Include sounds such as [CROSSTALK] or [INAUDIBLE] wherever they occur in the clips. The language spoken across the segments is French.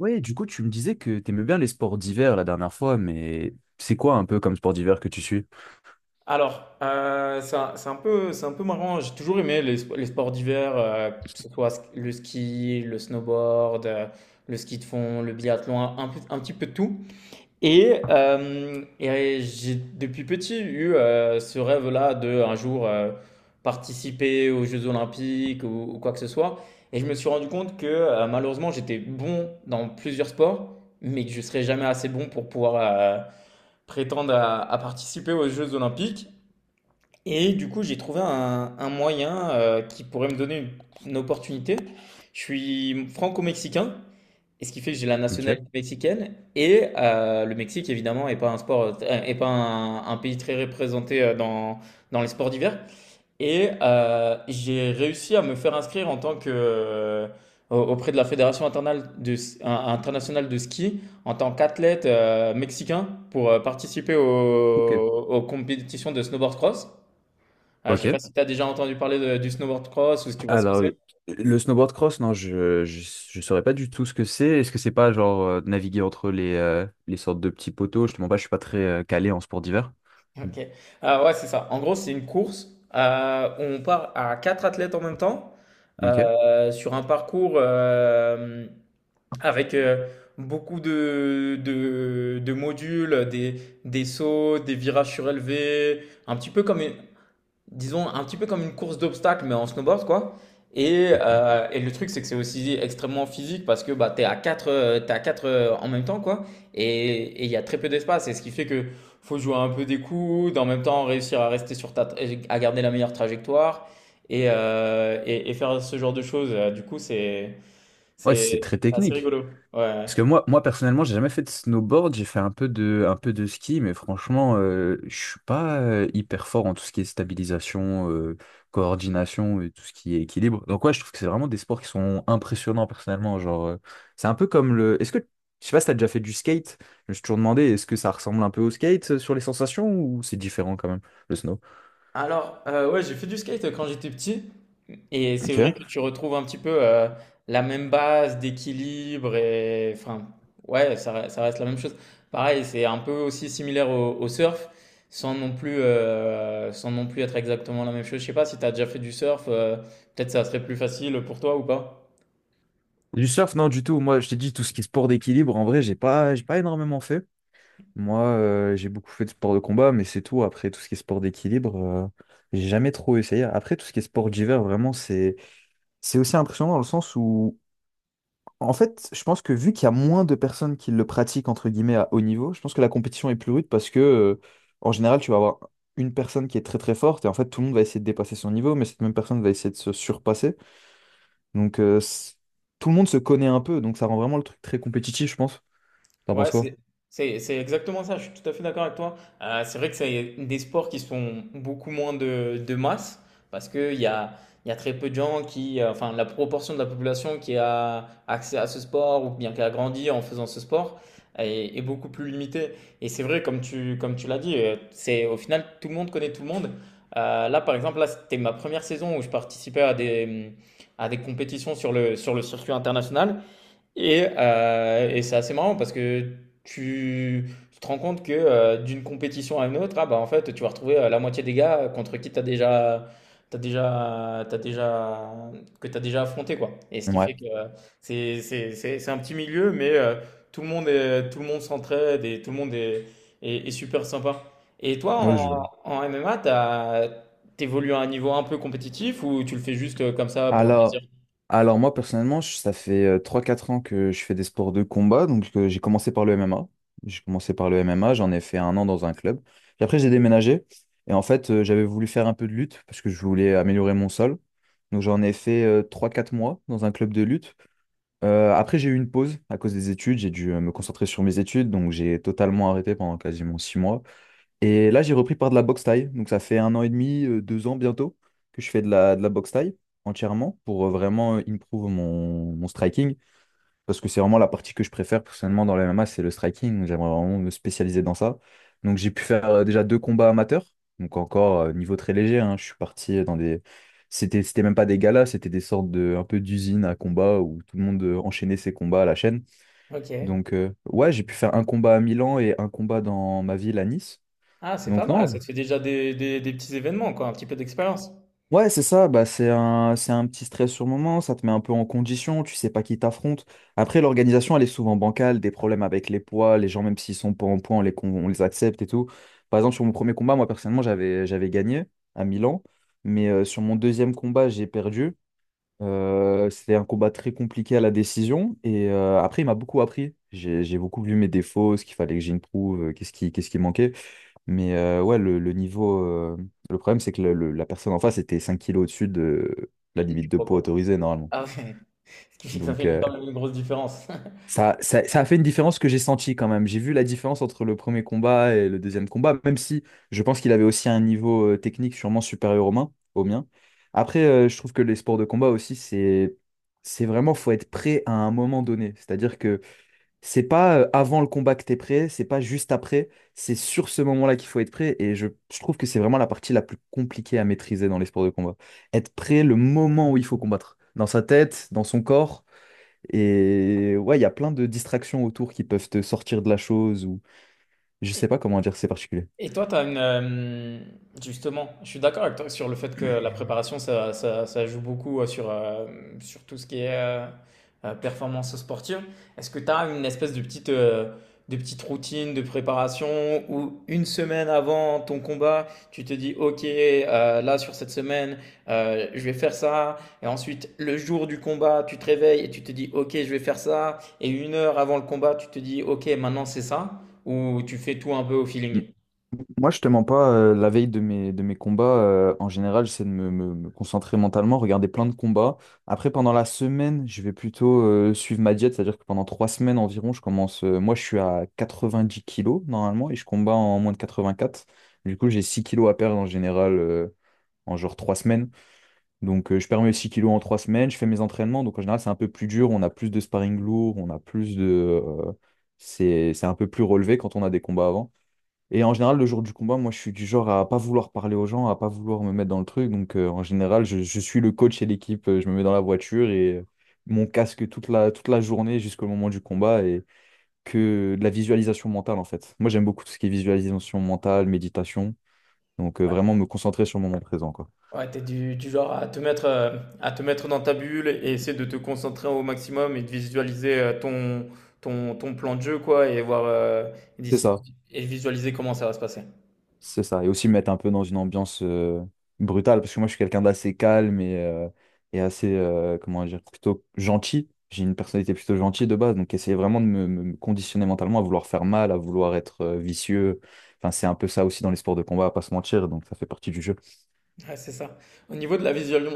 Oui, du coup, tu me disais que t'aimais bien les sports d'hiver la dernière fois, mais c'est quoi un peu comme sport d'hiver que tu suis? C'est un peu marrant. J'ai toujours aimé les sports d'hiver, que ce soit le ski, le snowboard, le ski de fond, le biathlon, un petit peu de tout. Et j'ai depuis petit eu ce rêve-là de un jour participer aux Jeux Olympiques ou quoi que ce soit. Et je me suis rendu compte que malheureusement j'étais bon dans plusieurs sports, mais que je serais jamais assez bon pour pouvoir prétendre à participer aux Jeux Olympiques. Et du coup, j'ai trouvé un moyen qui pourrait me donner une opportunité. Je suis franco-mexicain, et ce qui fait que j'ai la Ok. nationalité mexicaine. Le Mexique, évidemment, n'est pas un sport, est pas un, un pays très représenté dans, dans les sports d'hiver. J'ai réussi à me faire inscrire en tant que auprès de la Fédération internationale internationale de ski en tant qu'athlète mexicain pour participer aux, Ok. aux compétitions de snowboard cross. Ah, je sais pas Ok. si tu as déjà entendu parler du snowboard cross ou si tu vois ce que Alors, c'est. le snowboard cross, non, je saurais pas du tout ce que c'est. Est-ce que c'est pas genre naviguer entre les sortes de petits poteaux? Je te mens pas, je suis pas très calé en sport d'hiver. Mmh. Ok. Ah ouais, c'est ça. En gros, c'est une course où on part à quatre athlètes en même temps Ok. Sur un parcours avec beaucoup de modules, des sauts, des virages surélevés, un petit peu comme une- disons, un petit peu comme une course d'obstacles, mais en snowboard, quoi. Et, Ok. euh, et le truc, c'est que c'est aussi extrêmement physique parce que bah, tu es à 4, t'es à quatre en même temps, quoi. Et il y a très peu d'espace. Et ce qui fait que faut jouer un peu des coudes, en même temps réussir à rester sur ta, à garder la meilleure trajectoire et faire ce genre de choses. Du coup, Ouais, c'est c'est très c'est assez technique. rigolo. Ouais. Parce que moi personnellement, j'ai jamais fait de snowboard, j'ai fait un peu de ski, mais franchement, je suis pas hyper fort en tout ce qui est stabilisation, coordination et tout ce qui est équilibre. Donc ouais, je trouve que c'est vraiment des sports qui sont impressionnants personnellement. Genre, c'est un peu comme le. Est-ce que je sais pas si t'as déjà fait du skate? Je me suis toujours demandé, est-ce que ça ressemble un peu au skate sur les sensations ou c'est différent quand même, le snow? Ouais, j'ai fait du skate quand j'étais petit. Et c'est Ok. vrai que tu retrouves un petit peu la même base d'équilibre et enfin, ouais, ça reste la même chose. Pareil, c'est un peu aussi similaire au, au surf, sans non plus être exactement la même chose. Je sais pas si tu as déjà fait du surf, peut-être ça serait plus facile pour toi ou pas. Du surf, non, du tout. Moi, je t'ai dit tout ce qui est sport d'équilibre, en vrai, j'ai pas énormément fait. Moi, j'ai beaucoup fait de sport de combat, mais c'est tout. Après, tout ce qui est sport d'équilibre, j'ai jamais trop essayé. Après, tout ce qui est sport d'hiver, vraiment, c'est aussi impressionnant dans le sens où, en fait, je pense que vu qu'il y a moins de personnes qui le pratiquent, entre guillemets, à haut niveau, je pense que la compétition est plus rude parce que, en général, tu vas avoir une personne qui est très très forte et en fait, tout le monde va essayer de dépasser son niveau, mais cette même personne va essayer de se surpasser. Donc, tout le monde se connaît un peu, donc ça rend vraiment le truc très compétitif, je pense. T'en Ouais, penses quoi? C'est exactement ça, je suis tout à fait d'accord avec toi. C'est vrai que c'est des sports qui sont beaucoup moins de masse, parce il y a très peu de gens qui, enfin la proportion de la population qui a accès à ce sport ou bien qui a grandi en faisant ce sport est, est beaucoup plus limitée. Et c'est vrai, comme tu l'as dit, c'est au final tout le monde connaît tout le monde. Par exemple, là, c'était ma première saison où je participais à des compétitions sur le circuit international. Et c'est assez marrant parce que tu te rends compte que d'une compétition à une autre, ah bah en fait, tu vas retrouver la moitié des gars contre qui tu as déjà, t'as déjà, t'as déjà, que tu as déjà affronté, quoi. Et ce qui fait Ouais. que c'est un petit milieu, tout le monde s'entraide et tout le monde est super sympa. Et toi, Ouais, je... en MMA, t'évolues à un niveau un peu compétitif ou tu le fais juste comme ça pour le plaisir? Alors, alors, moi personnellement, ça fait 3-4 ans que je fais des sports de combat. Donc, j'ai commencé par le MMA. J'ai commencé par le MMA, j'en ai fait un an dans un club. Puis après j'ai déménagé. Et en fait, j'avais voulu faire un peu de lutte parce que je voulais améliorer mon sol. Donc j'en ai fait 3-4 mois dans un club de lutte. Après j'ai eu une pause à cause des études. J'ai dû me concentrer sur mes études. Donc j'ai totalement arrêté pendant quasiment 6 mois. Et là, j'ai repris par de la boxe thaï. Donc, ça fait un an et demi, 2 ans bientôt que je fais de la boxe thaï entièrement pour vraiment improve mon striking. Parce que c'est vraiment la partie que je préfère personnellement dans le MMA, c'est le striking. Donc, j'aimerais vraiment me spécialiser dans ça. Donc, j'ai pu faire déjà deux combats amateurs. Donc, encore niveau très léger, hein. Je suis parti dans des. C'était même pas des galas, c'était des sortes de un peu d'usines à combat où tout le monde enchaînait ses combats à la chaîne. Ok. Donc, ouais, j'ai pu faire un combat à Milan et un combat dans ma ville à Nice. Ah, c'est pas Donc mal, ça non, te fait déjà des, des petits événements, quoi, un petit peu d'expérience. ouais, c'est ça, bah, c'est un petit stress sur le moment, ça te met un peu en condition, tu sais pas qui t'affronte. Après, l'organisation, elle est souvent bancale, des problèmes avec les poids, les gens, même s'ils sont pas en poids, on les accepte et tout. Par exemple, sur mon premier combat, moi, personnellement, j'avais gagné à Milan, mais sur mon deuxième combat, j'ai perdu. C'était un combat très compliqué à la décision, et après, il m'a beaucoup appris. J'ai beaucoup vu mes défauts, ce qu'il fallait que j'improve, qu'est-ce qui manquait. Mais ouais, le niveau. Le problème, c'est que la personne en face était 5 kilos au-dessus de la Ok, limite de poids pourquoi quoi autorisée normalement. Ah ouais, [LAUGHS] ce qui fait que ça Donc fait euh, quand même une grosse différence. [LAUGHS] ça a fait une différence que j'ai sentie quand même. J'ai vu la différence entre le premier combat et le deuxième combat, même si je pense qu'il avait aussi un niveau technique sûrement supérieur au mien. Au mien. Après, je trouve que les sports de combat aussi, c'est vraiment, faut être prêt à un moment donné. C'est-à-dire que c'est pas avant le combat que t'es prêt, c'est pas juste après, c'est sur ce moment-là qu'il faut être prêt. Et je trouve que c'est vraiment la partie la plus compliquée à maîtriser dans les sports de combat. Être prêt le moment où il faut combattre, dans sa tête, dans son corps. Et ouais, il y a plein de distractions autour qui peuvent te sortir de la chose ou je sais pas comment dire, c'est particulier. Et toi, tu as une... justement, je suis d'accord avec toi sur le fait que la préparation, ça joue beaucoup sur sur tout ce qui est performance sportive. Est-ce que tu as une espèce de petite routine de préparation où une semaine avant ton combat, tu te dis, OK, là, sur cette semaine, je vais faire ça. Et ensuite, le jour du combat, tu te réveilles et tu te dis, OK, je vais faire ça. Et une heure avant le combat, tu te dis, OK, maintenant, c'est ça. Ou tu fais tout un peu au feeling? Moi, je te mens pas, la veille de mes combats, en général, j'essaie de me concentrer mentalement, regarder plein de combats. Après, pendant la semaine, je vais plutôt suivre ma diète, c'est-à-dire que pendant 3 semaines environ, je commence. Moi, je suis à 90 kilos normalement et je combats en moins de 84. Du coup, j'ai 6 kilos à perdre en général en genre 3 semaines. Donc, je perds mes 6 kilos en 3 semaines, je fais mes entraînements. Donc, en général, c'est un peu plus dur, on a plus de sparring lourd, on a plus de. C'est un peu plus relevé quand on a des combats avant. Et en général, le jour du combat, moi, je suis du genre à pas vouloir parler aux gens, à pas vouloir me mettre dans le truc. Donc, en général, je suis le coach et l'équipe. Je me mets dans la voiture et mon casque toute la journée jusqu'au moment du combat et que de la visualisation mentale, en fait. Moi, j'aime beaucoup tout ce qui est visualisation mentale, méditation. Donc, vraiment me concentrer sur le moment présent, quoi. Ouais, tu du genre à te mettre dans ta bulle et essayer de te concentrer au maximum et de visualiser, ton ton plan de jeu quoi et voir, C'est d'ici ça. et visualiser comment ça va se passer. C'est ça. Et aussi me mettre un peu dans une ambiance brutale, parce que moi, je suis quelqu'un d'assez calme et assez, comment dire, plutôt gentil. J'ai une personnalité plutôt gentille de base, donc essayer vraiment de me conditionner mentalement à vouloir faire mal, à vouloir être vicieux. Enfin, c'est un peu ça aussi dans les sports de combat, à pas se mentir, donc ça fait partie du jeu. Ouais, c'est ça. Au niveau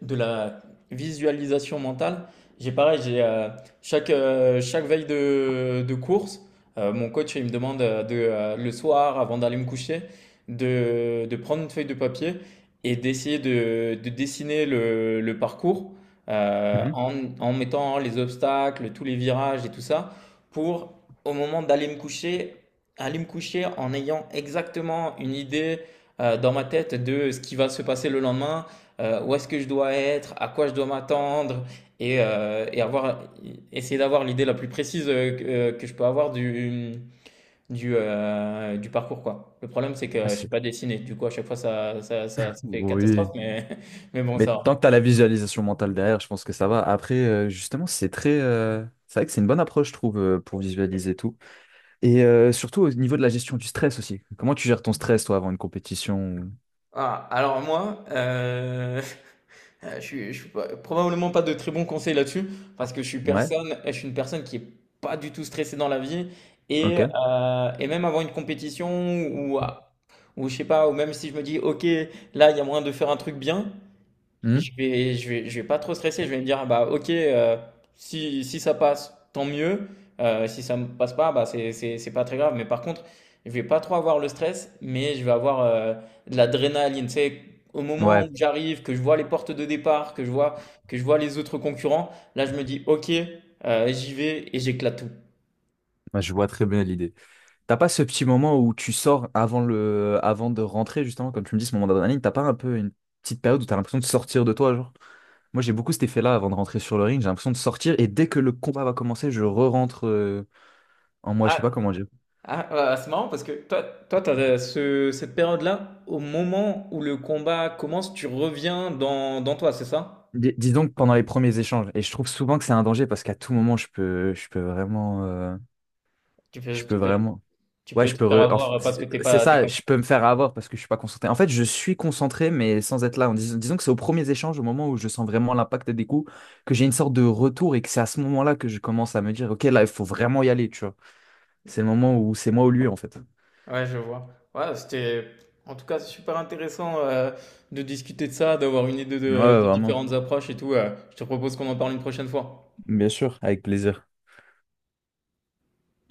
de la visualisation mentale, j'ai pareil, j'ai chaque, chaque veille de course, mon coach il me demande le soir, avant d'aller me coucher, de prendre une feuille de papier et d'essayer de dessiner le parcours euh, en, en mettant les obstacles, tous les virages et tout ça, pour au moment d'aller me coucher, aller me coucher en ayant exactement une idée dans ma tête de ce qui va se passer le lendemain, où est-ce que je dois être, à quoi je dois m'attendre, et, avoir, essayer d'avoir l'idée la plus précise que je peux avoir du parcours, quoi. Le problème, c'est que je Ah, ne sais c'est- pas dessiner, du coup, à chaque fois, ça fait catastrophe, Oui. mais, [LAUGHS] mais bon, Mais ça tant va. que tu as la visualisation mentale derrière, je pense que ça va. Après, justement, c'est très. C'est vrai que c'est une bonne approche, je trouve, pour visualiser tout. Et surtout au niveau de la gestion du stress aussi. Comment tu gères ton stress, toi, avant une compétition? Ah, alors moi, [LAUGHS] je suis pas probablement pas de très bons conseils là-dessus, parce que Ouais, je suis une personne qui est pas du tout stressée dans la vie et ok. heu et même avant une compétition ou à ou je sais pas, ou même si je me dis: «OK, là, il y a moyen de faire un truc bien», Hmm. Je vais pas trop stresser. Je vais me dire, bah, ok, si, si ça passe, tant mieux. Si ça ne passe pas, bah, c'est pas très grave. Mais par contre, je vais pas trop avoir le stress, mais je vais avoir de l'adrénaline. Tu sais, au moment où Ouais, j'arrive, que je vois les portes de départ, que je vois les autres concurrents, là, je me dis, ok, j'y vais et j'éclate tout. moi, je vois très bien l'idée. T'as pas ce petit moment où tu sors avant de rentrer, justement, comme tu me dis, ce moment d'adrénaline, t'as pas un peu une petite période où t'as l'impression de sortir de toi, genre? Moi, j'ai beaucoup cet effet-là avant de rentrer sur le ring, j'ai l'impression de sortir et dès que le combat va commencer, je re-rentre en moi, je Ah, sais pas comment dire. C'est marrant parce que toi, toi, cette période-là, au moment où le combat commence, tu reviens dans toi, c'est ça? Dis donc pendant les premiers échanges. Et je trouve souvent que c'est un danger parce qu'à tout moment, je peux vraiment, Tu je peux, peux tu peux, vraiment, tu ouais, peux je te peux, faire avoir parce c'est que c'est t'es ça, pas. je peux me faire avoir parce que je suis pas concentré. En fait, je suis concentré, mais sans être là. Disons que c'est aux premiers échanges, au moment où je sens vraiment l'impact des coups, que j'ai une sorte de retour et que c'est à ce moment-là que je commence à me dire, ok, là, il faut vraiment y aller, tu vois. C'est le moment où c'est moi ou lui, en fait. Ouais, je vois. Ouais, c'était en tout cas super intéressant de discuter de ça, d'avoir une idée de, Ouais, des vraiment. différentes approches et tout. Je te propose qu'on en parle une prochaine fois. Bien sûr, avec plaisir.